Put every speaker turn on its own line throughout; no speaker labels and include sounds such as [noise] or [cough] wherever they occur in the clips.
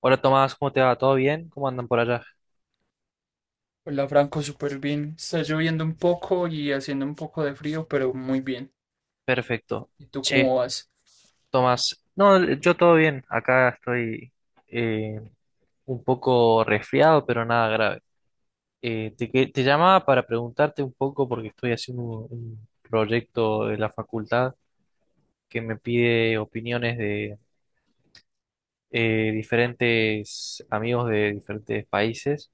Hola Tomás, ¿cómo te va? ¿Todo bien? ¿Cómo andan por allá?
Hola Franco, súper bien. Está lloviendo un poco y haciendo un poco de frío, pero muy bien.
Perfecto.
¿Y tú
Che,
cómo vas?
Tomás. No, yo todo bien. Acá estoy eh, un poco resfriado, pero nada grave. Te llamaba para preguntarte un poco porque estoy haciendo un proyecto de la facultad que me pide opiniones de diferentes amigos de diferentes países.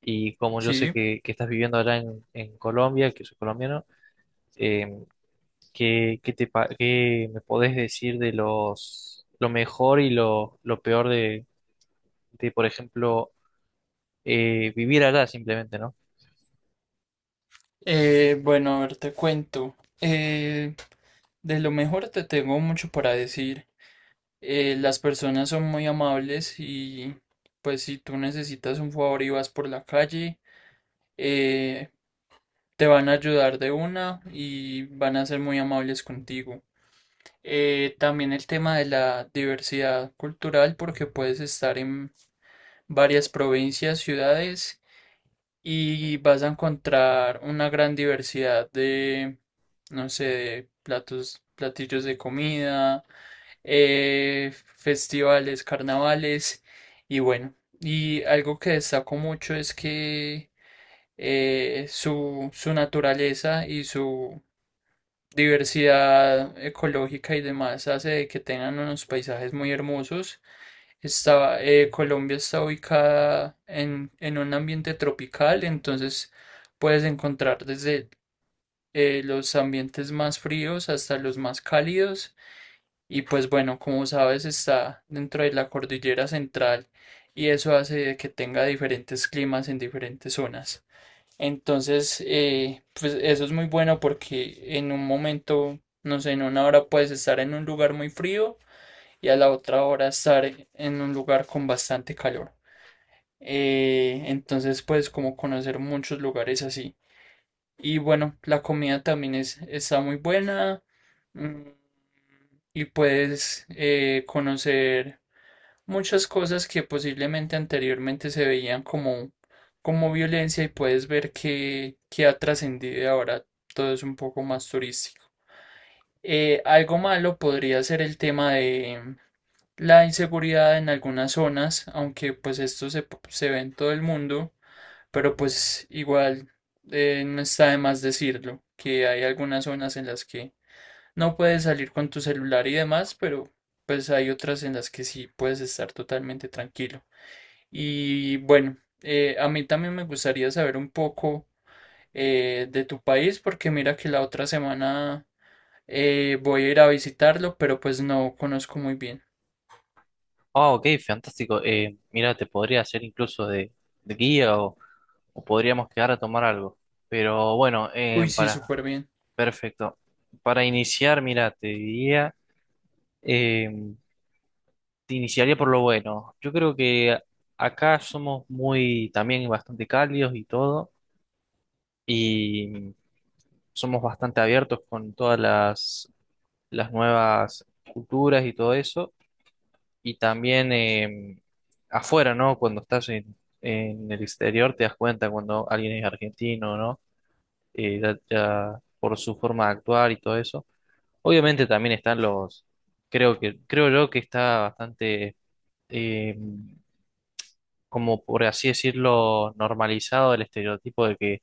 Y como yo sé
Sí.
que estás viviendo allá en Colombia, que soy colombiano. em, Qué me podés decir de lo mejor y lo peor de, por ejemplo, vivir allá simplemente, ¿no?
Bueno, a ver, te cuento. Eh, de lo mejor te tengo mucho para decir. Las personas son muy amables y pues si tú necesitas un favor y vas por la calle, eh, te van a ayudar de una y van a ser muy amables contigo. También el tema de la diversidad cultural porque puedes estar en varias provincias, ciudades y vas a encontrar una gran diversidad de, no sé, de platos, platillos de comida, festivales, carnavales. Y bueno, y algo que destaco mucho es que, su naturaleza y su diversidad ecológica y demás hace de que tengan unos paisajes muy hermosos. Colombia está ubicada en un ambiente tropical, entonces puedes encontrar desde los ambientes más fríos hasta los más cálidos. Y pues bueno, como sabes, está dentro de la cordillera central y eso hace de que tenga diferentes climas en diferentes zonas. Entonces, pues eso es muy bueno porque en un momento, no sé, en una hora puedes estar en un lugar muy frío y a la otra hora estar en un lugar con bastante calor. Entonces puedes como conocer muchos lugares así. Y bueno, la comida también es, está muy buena. mm, Y puedes, conocer muchas cosas que posiblemente anteriormente se veían como, como violencia y puedes ver que ha trascendido y ahora todo es un poco más turístico. Algo malo podría ser el tema de la inseguridad en algunas zonas, aunque pues esto se, se ve en todo el mundo. Pero pues igual, no está de más decirlo, que hay algunas zonas en las que no puedes salir con tu celular y demás, pero pues hay otras en las que sí puedes estar totalmente tranquilo. Y bueno, a mí también me gustaría saber un poco de tu país, porque mira que la otra semana voy a ir a visitarlo, pero pues no conozco muy bien.
Ah, ok, fantástico. Mira, te podría hacer incluso de guía, o podríamos quedar a tomar algo. Pero bueno,
Uy, sí, súper bien.
perfecto. Para iniciar, mira, te diría, eh, te iniciaría por lo bueno. Yo creo que acá somos muy, también bastante cálidos y todo. Y somos bastante abiertos con las nuevas culturas y todo eso. Y también afuera, ¿no? Cuando estás en el exterior te das cuenta cuando alguien es argentino, ¿no? Ya por su forma de actuar y todo eso. Obviamente también están creo yo que está bastante, eh, como por así decirlo, normalizado el estereotipo de que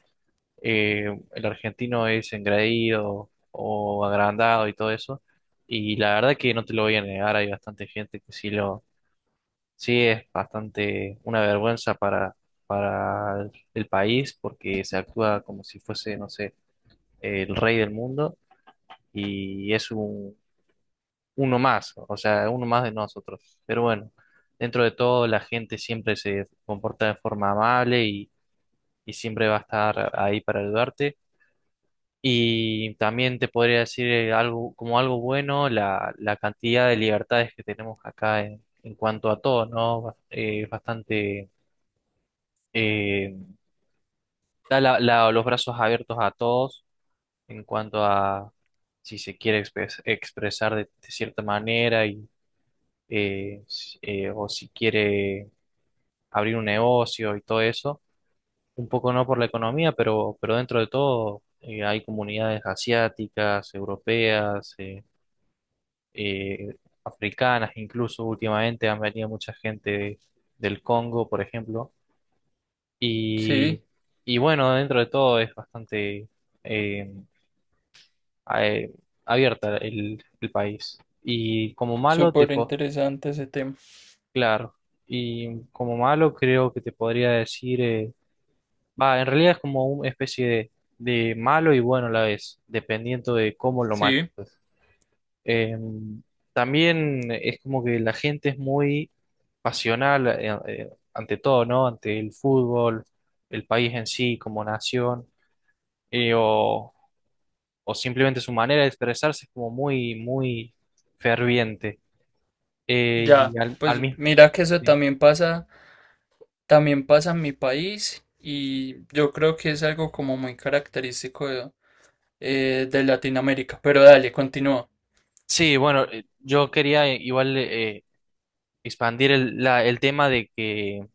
eh, el argentino es engreído o agrandado y todo eso. Y la verdad que no te lo voy a negar, hay bastante gente sí, es bastante una vergüenza para el país, porque se actúa como si fuese, no sé, el rey del mundo y es uno más, o sea, uno más de nosotros. Pero bueno, dentro de todo la gente siempre se comporta de forma amable y siempre va a estar ahí para ayudarte. Y también te podría decir algo, como algo bueno, la cantidad de libertades que tenemos acá en cuanto a todo, ¿no? Es bastante, eh, da los brazos abiertos a todos en cuanto a si se quiere expresar de cierta manera y, o si quiere abrir un negocio y todo eso. Un poco no por la economía, pero dentro de todo hay comunidades asiáticas, europeas, eh, africanas. Incluso últimamente han venido mucha gente del Congo, por ejemplo. Y,
Sí,
y bueno, dentro de todo es bastante eh, a- eh, abierta el país. Y como malo, te
súper
po-
interesante ese tema.
Claro, y como malo creo que te podría decir, en realidad es como una especie de malo y bueno a la vez, dependiendo de cómo lo mates,
Sí.
pues. Eh, también es como que la gente es muy pasional ante todo, ¿no? Ante el fútbol, el país en sí como nación, eh, o, o simplemente su manera de expresarse es como muy, muy ferviente.
Ya,
Y al
pues
mismo...
mira que eso
Sí,
también pasa en mi país y yo creo que es algo como muy característico de Latinoamérica. Pero dale, continúa.
sí, bueno, yo quería, igual expandir el tema de que,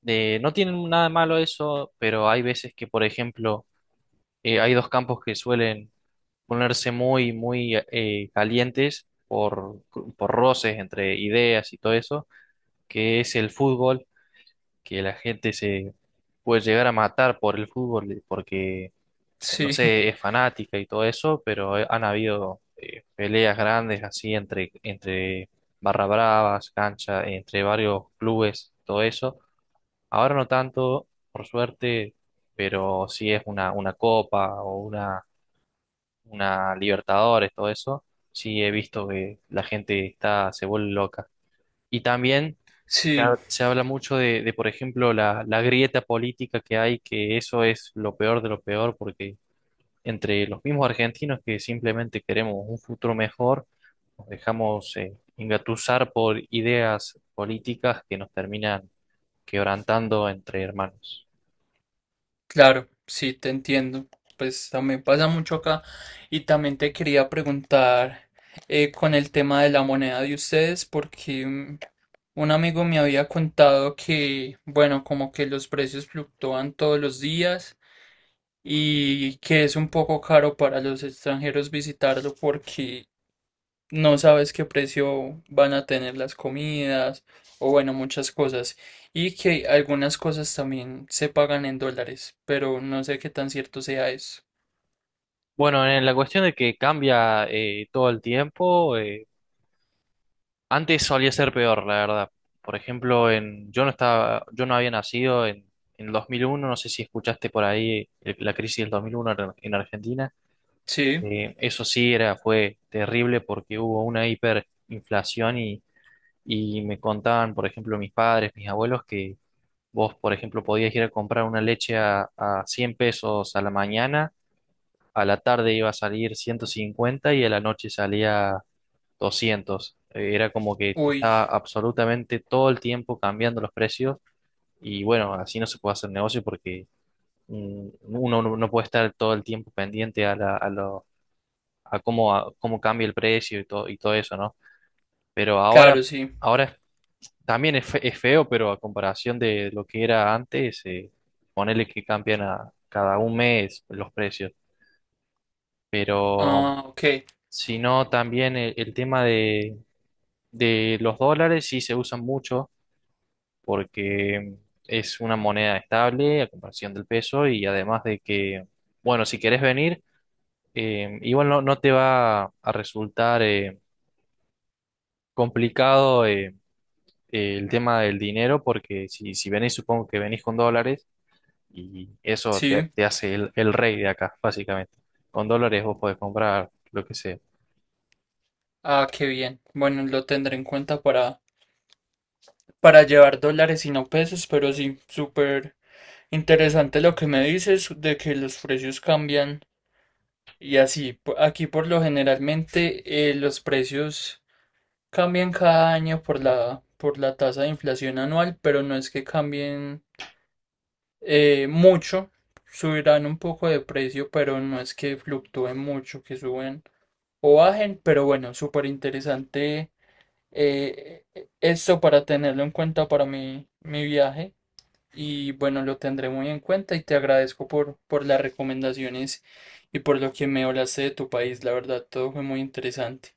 de, no tienen nada de malo eso, pero hay veces que, por ejemplo, hay dos campos que suelen ponerse muy, muy calientes por roces entre ideas y todo eso, que es el fútbol, que la gente se puede llegar a matar por el fútbol porque, no
Sí, [laughs]
sé, es fanática y todo eso, pero han habido peleas grandes así entre, entre barra bravas, cancha, entre varios clubes, todo eso. Ahora no tanto, por suerte, pero sí, es una copa o una Libertadores, todo eso, sí he visto que la gente está, se vuelve loca. Y también
sí,
se habla mucho de, por ejemplo, la grieta política que hay, que eso es lo peor de lo peor, porque entre los mismos argentinos que simplemente queremos un futuro mejor, nos dejamos engatusar por ideas políticas que nos terminan quebrantando entre hermanos.
claro, sí, te entiendo. Pues también pasa mucho acá y también te quería preguntar con el tema de la moneda de ustedes porque un amigo me había contado que, bueno, como que los precios fluctúan todos los días. Y que es un poco caro para los extranjeros visitarlo porque no sabes qué precio van a tener las comidas o bueno, muchas cosas. Y que algunas cosas también se pagan en dólares, pero no sé qué tan cierto sea eso.
Bueno, en la cuestión de que cambia todo el tiempo, antes solía ser peor, la verdad. Por ejemplo, yo no estaba, yo no había nacido en el 2001. No sé si escuchaste por ahí la crisis del 2001 en Argentina.
Sí,
Eso sí era, fue terrible porque hubo una hiperinflación y me contaban, por ejemplo, mis padres, mis abuelos, que vos, por ejemplo, podías ir a comprar una leche a 100 pesos a la mañana, a la tarde iba a salir 150, y a la noche salía 200. Era como que
uy,
estaba absolutamente todo el tiempo cambiando los precios. Y bueno, así no se puede hacer negocio porque, mm, uno no puede estar todo el tiempo pendiente a, a cómo cambia el precio y todo eso, ¿no? Pero ahora,
claro, sí.
ahora también es, es feo, pero a comparación de lo que era antes, ponele que cambian a cada un mes los precios, pero
Ah, ok,
si no, también el tema de los dólares sí se usan mucho, porque es una moneda estable a comparación del peso y además de que, bueno, si querés venir, igual no, no te va a resultar complicado el tema del dinero. Porque si venís, supongo que venís con dólares y eso te,
sí.
te hace el rey de acá, básicamente. Con dólares vos podés comprar lo que sea.
Ah, qué bien. Bueno, lo tendré en cuenta para llevar dólares y no pesos, pero sí, súper interesante lo que me dices de que los precios cambian. Y así, po- aquí por lo generalmente, los precios cambian cada año por la tasa de inflación anual, pero no es que cambien mucho, subirán un poco de precio, pero no es que fluctúen mucho, que suben o bajen, pero bueno, súper interesante, eh, esto para tenerlo en cuenta para mi viaje. Y bueno, lo tendré muy en cuenta y te agradezco por las recomendaciones y por lo que me hablaste de tu país. La verdad, todo fue muy interesante.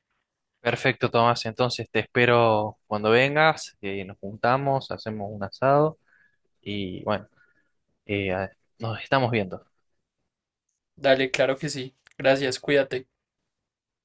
Perfecto, Tomás. Entonces te espero cuando vengas, nos juntamos, hacemos un asado y bueno, eh, nos estamos viendo.
Dale, claro que sí. Gracias, cuídate.